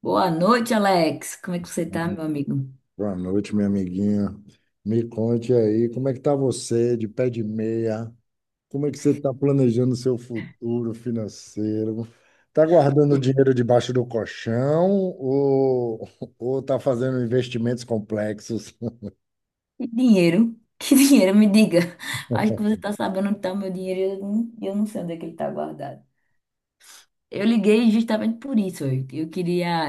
Boa noite, Alex. Como é que você tá, meu amigo? Boa noite, minha amiguinha. Me conte aí, como é que tá você de pé de meia? Como é que você está planejando seu futuro financeiro? Tá guardando dinheiro debaixo do colchão ou ou tá fazendo investimentos complexos? Que dinheiro? Que dinheiro? Me diga. Acho que você tá sabendo onde tá o meu dinheiro e eu não sei onde é que ele tá guardado. Eu liguei justamente por isso. Eu queria...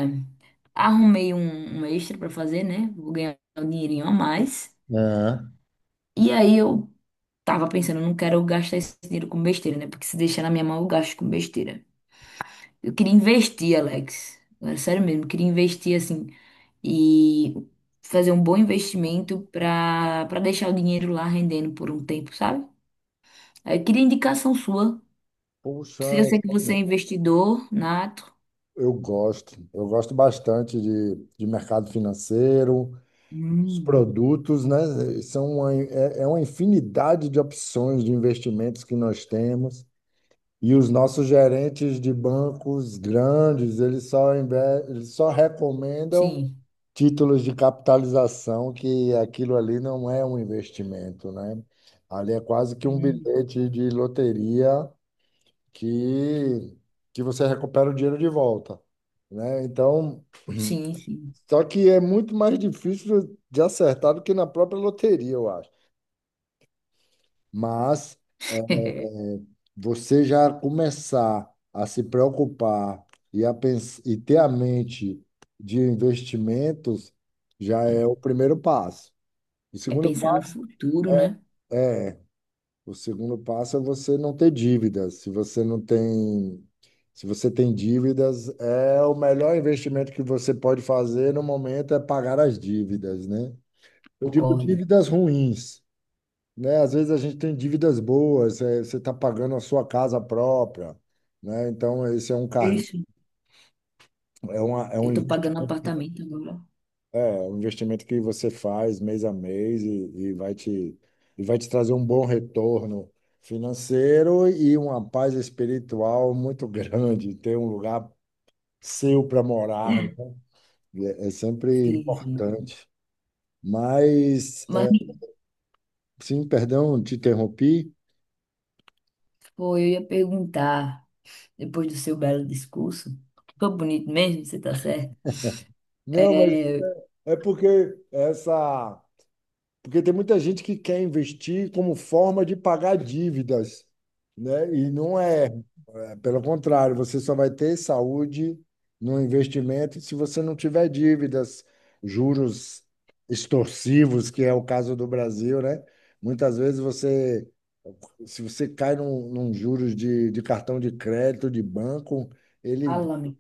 Arrumei um extra pra fazer, né? Vou ganhar um dinheirinho a mais. É. E aí eu tava pensando, eu não quero gastar esse dinheiro com besteira, né? Porque se deixar na minha mão, eu gasto com besteira. Eu queria investir, Alex. Agora, sério mesmo, eu queria investir, assim... e fazer um bom investimento para deixar o dinheiro lá rendendo por um tempo, sabe? Aí eu queria indicação sua. Puxa, Se eu sei que você é investidor nato. eu gosto. Eu gosto bastante de mercado financeiro, os Hum. produtos, né? São é uma infinidade de opções de investimentos que nós temos. E os nossos gerentes de bancos grandes, eles só recomendam Sim. títulos de capitalização, que aquilo ali não é um investimento, né? Ali é quase que um Hum. bilhete de loteria que, que você recupera o dinheiro de volta, né? Então, Sim, sim. só que é muito mais difícil de acertar do que na própria loteria, eu acho. Mas. Você já começar a se preocupar e ter a mente de investimentos já é É. o primeiro passo. O É segundo pensar no passo futuro, né? é, é, o segundo passo é você não ter dívidas. Se você não tem, se você tem dívidas, é o melhor investimento que você pode fazer no momento é pagar as dívidas, né? Eu digo Concordo. dívidas ruins, né? Às vezes a gente tem dívidas boas, você está pagando a sua casa própria, né? Então, esse é um É carne, isso. é uma, é um Eu tô investi- pagando apartamento agora. é, é um investimento que você faz mês a mês e e vai te trazer um bom retorno financeiro e uma paz espiritual muito grande, ter um lugar seu para morar, né? É, é sempre Sim, sim. importante. Mas, Mas, sim, perdão, te interrompi. pô, eu ia perguntar, depois do seu belo discurso, ficou bonito mesmo, você tá certo? Não, mas É, é porque essa. Porque tem muita gente que quer investir como forma de pagar dívidas, né? E não é, é, pelo contrário, você só vai ter saúde no investimento se você não tiver dívidas, juros extorsivos, que é o caso do Brasil, né? Muitas vezes você, se você cai num juros de cartão de crédito, de banco, ele, fala-me.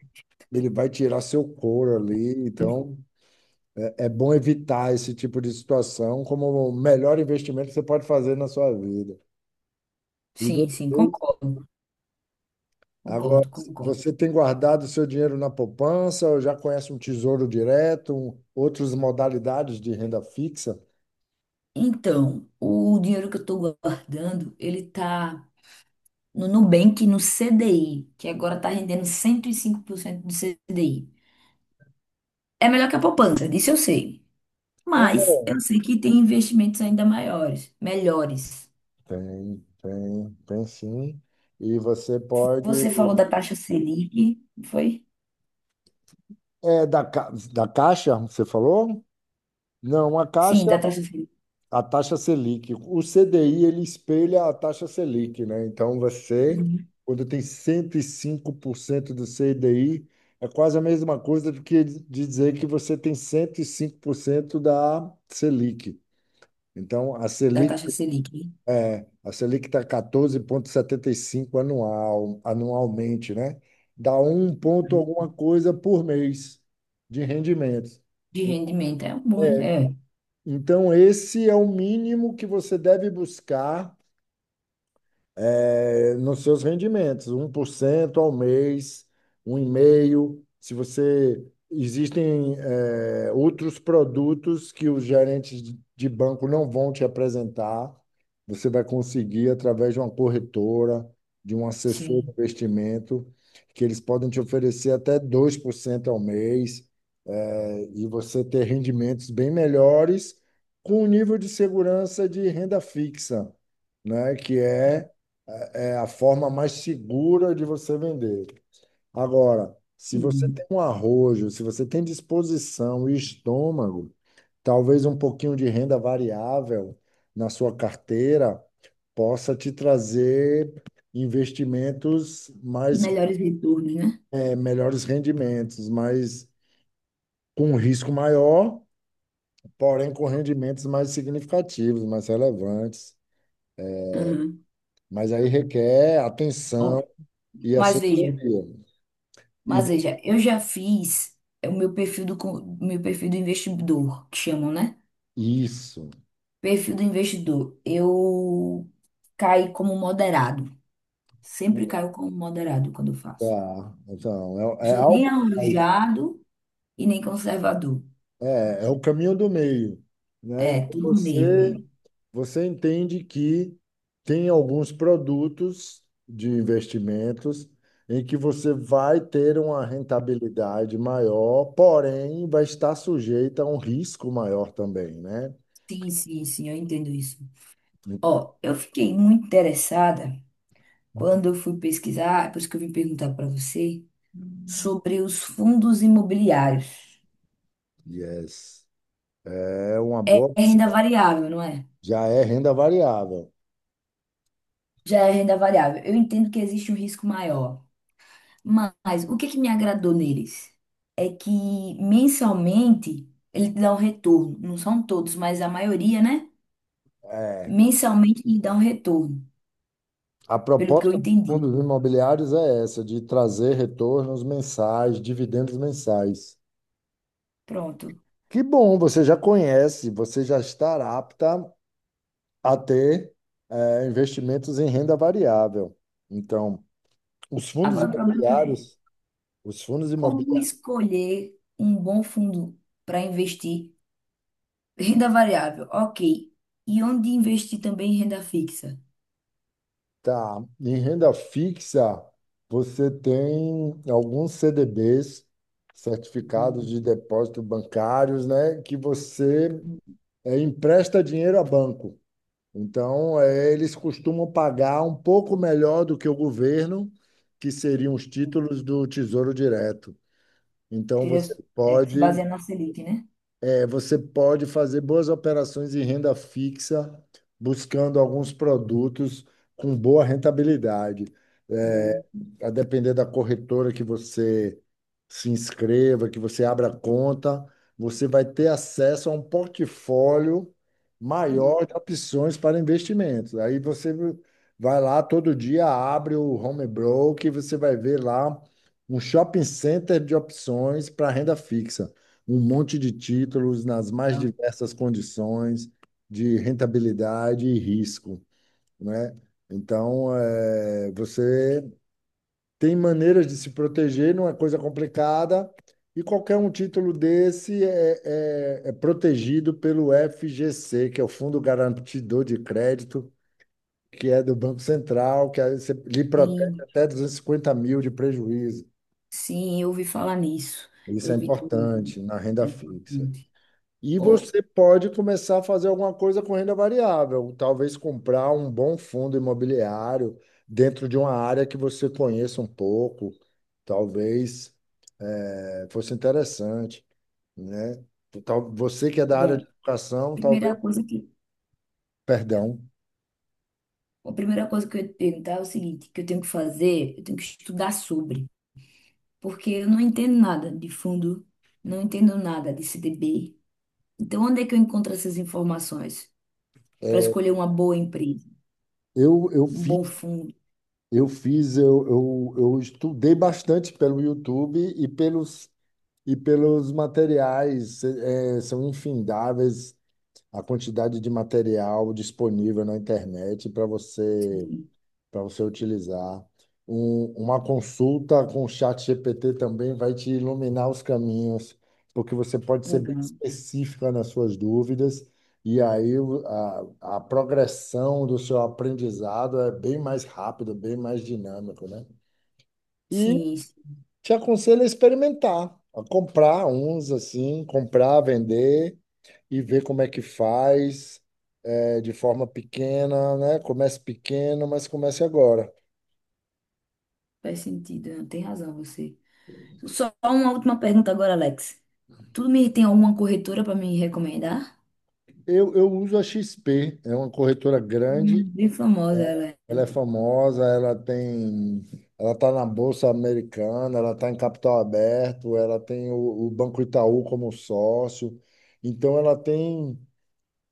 ele vai tirar seu couro ali, então é bom evitar esse tipo de situação como o melhor investimento que você pode fazer na sua vida. E Sim, sim, depois, concordo, agora, concordo, concordo. você tem guardado seu dinheiro na poupança ou já conhece um tesouro direto, outras modalidades de renda fixa? Então, o dinheiro que eu estou guardando, ele tá no Nubank, no CDI, que agora tá rendendo 105% do CDI. É melhor que a poupança, disso eu sei. É, Mas eu sei que tem investimentos ainda maiores, melhores. tem sim. E você pode. Você falou da taxa Selic, não foi? É da Caixa, você falou? Não, a Sim, Caixa da taxa Selic. a taxa Selic. O CDI, ele espelha a taxa Selic, né? Então, você, Uhum. quando tem 105% do CDI, é quase a mesma coisa do que de dizer que você tem 105% da Selic. Então, a Da Selic, taxa Selic. a Selic está 14,75 anual, anualmente, né? Dá um ponto Uhum. alguma coisa por mês de rendimentos. De rendimento, é um bom, é, Então, esse é o mínimo que você deve buscar nos seus rendimentos, 1% ao mês, um 1,5%. Se você. Existem, outros produtos que os gerentes de banco não vão te apresentar, você vai conseguir através de uma corretora, de um assessor de sim, investimento, que eles podem te oferecer até 2% ao mês e você ter rendimentos bem melhores com o nível de segurança de renda fixa, né? Que é, é é a forma mais segura de você vender. Agora, se você entendi. tem um arrojo, se você tem disposição e estômago, talvez um pouquinho de renda variável na sua carteira possa te trazer investimentos mais, Melhores retornos, né? Melhores rendimentos, mas com um risco maior porém com rendimentos mais significativos, mais relevantes. Mas aí requer Uhum. atenção e Mas veja, assessoria. E mas veja, eu já fiz é, o meu perfil do investidor, que chamam, né? isso. Perfil do investidor. Eu caí como moderado. Sempre caio como moderado quando eu faço. Tá. Então, Não é, é sou nem algo mais. arrojado e nem conservador. É o caminho do meio, né? É, Então, tudo meio. Você, É. você entende que tem alguns produtos de investimentos em que você vai ter uma rentabilidade maior, porém vai estar sujeita a um risco maior também, né? Sim, sim, sim, eu entendo isso. Então, Ó, eu fiquei muito interessada quando eu fui pesquisar, é por isso que eu vim perguntar para você, sobre os fundos imobiliários. Yes. É uma É boa renda opção. variável, não é? Já é renda variável. Já é renda variável. Eu entendo que existe um risco maior, mas o que que me agradou neles é que mensalmente ele te dá um retorno. Não são todos, mas a maioria, né? É. Mensalmente ele dá um retorno, A pelo que eu proposta dos entendi. fundos imobiliários é essa, de trazer retornos mensais, dividendos mensais. Pronto. Que bom, você já conhece, você já está apta a ter investimentos em renda variável. Então, os fundos Agora o problema é imobiliários, os fundos como imobiliários escolher um bom fundo para investir? Renda variável, ok. E onde investir também em renda fixa? Tá. Em renda fixa, você tem alguns CDBs, certificados de depósito bancários, né, que você empresta dinheiro a banco. Então, eles costumam pagar um pouco melhor do que o governo, que seriam os títulos do Tesouro Direto. Então, Seria, você é, que se pode baseia na Selic, né? é, você pode fazer boas operações em renda fixa, buscando alguns produtos com boa rentabilidade. É, Hum, a depender da corretora que você se inscreva, que você abra conta, você vai ter acesso a um portfólio maior hum. de opções para investimentos. Aí você vai lá todo dia, abre o home broker, e você vai ver lá um shopping center de opções para renda fixa um monte de títulos nas mais Então. diversas condições de rentabilidade e risco, né? Então, você tem maneiras de se proteger, não é coisa complicada, e qualquer um título desse é, é protegido pelo FGC, que é o Fundo Garantidor de Crédito, que é do Banco Central, que aí você lhe protege até 250 mil de prejuízo. Sim, eu ouvi falar nisso. Isso é Eu vi também. importante na É renda fixa. importante. E Oh, você pode começar a fazer alguma coisa com renda variável, talvez comprar um bom fundo imobiliário dentro de uma área que você conheça um pouco, talvez fosse interessante, né? Você que é da área de bom, educação, primeira talvez, coisa que, perdão, a primeira coisa que eu ia te perguntar é o seguinte, que eu tenho que fazer, eu tenho que estudar sobre, porque eu não entendo nada de fundo, não entendo nada de CDB. Então, onde é que eu encontro essas informações para é, escolher uma boa empresa, eu um fiz, bom fundo? eu fiz, eu estudei bastante pelo YouTube e e pelos materiais, são infindáveis a quantidade de material disponível na internet para você Sim, para você utilizar. Uma consulta com o chat GPT também vai te iluminar os caminhos, porque você pode ser bem legal. específica nas suas dúvidas, e aí a progressão do seu aprendizado é bem mais rápido, bem mais dinâmico, né? E Sim, sim, te aconselho a experimentar, a comprar uns assim, comprar, vender e ver como é que faz de forma pequena, né? Comece pequeno, mas comece agora. faz sentido, tem razão você. Só uma última pergunta agora, Alex. Tu me tem alguma corretora para me recomendar? Eu uso a XP, é uma corretora grande, Bem famosa ela é, ela é né? famosa, ela tem, ela está na Bolsa Americana, ela está em capital aberto, ela tem o Banco Itaú como sócio. Então ela tem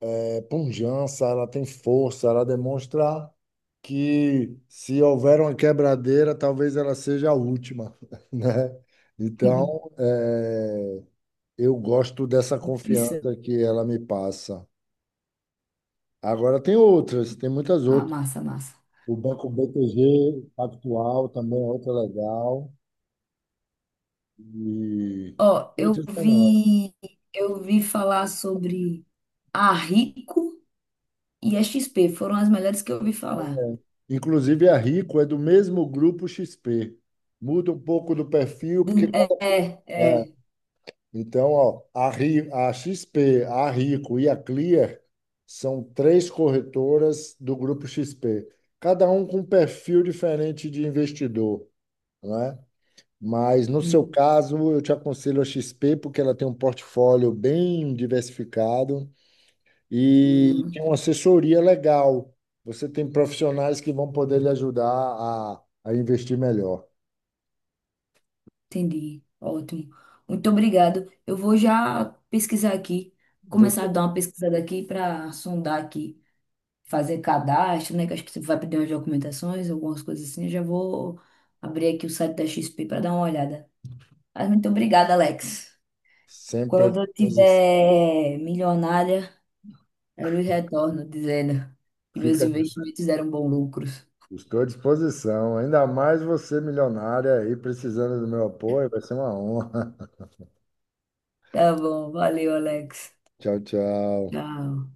pujança, ela tem força, ela demonstra que se houver uma quebradeira, talvez ela seja a última, né? Então, é, eu gosto dessa Opção. confiança que ela me passa. Agora tem outras, tem muitas Ah, outras. massa, massa. O Banco BTG Pactual também é outra legal. E Ó, eu outras menores. vi, eu vi falar sobre a Rico e a XP, foram as melhores que eu ouvi falar. Inclusive a Rico é do mesmo grupo XP. Muda um pouco do perfil, porque Do- é, cada. é, É. é. Então, ó, a XP, a Rico e a Clear são três corretoras do grupo XP. Cada um com um perfil diferente de investidor, né? Mas no seu Hum, caso, eu te aconselho a XP porque ela tem um portfólio bem diversificado e tem uhum, uma assessoria legal. Você tem profissionais que vão poder lhe ajudar a investir melhor. entendi. Ótimo. Muito obrigado. Eu vou já pesquisar aqui, começar Você a dar uma pesquisada aqui para sondar aqui, fazer cadastro, né? Que acho que você vai pedir umas documentações, algumas coisas assim. Eu já vou abrir aqui o site da XP para dar uma olhada. Mas muito obrigada, Alex. sempre à Quando eu disposi- tiver milionária, eu lhe retorno dizendo que meus fica, investimentos deram bons lucros. estou à disposição. Ainda mais você milionária aí precisando do meu apoio, vai ser uma honra. Tá bom, valeu, Alex. Tchau, tchau. Tchau.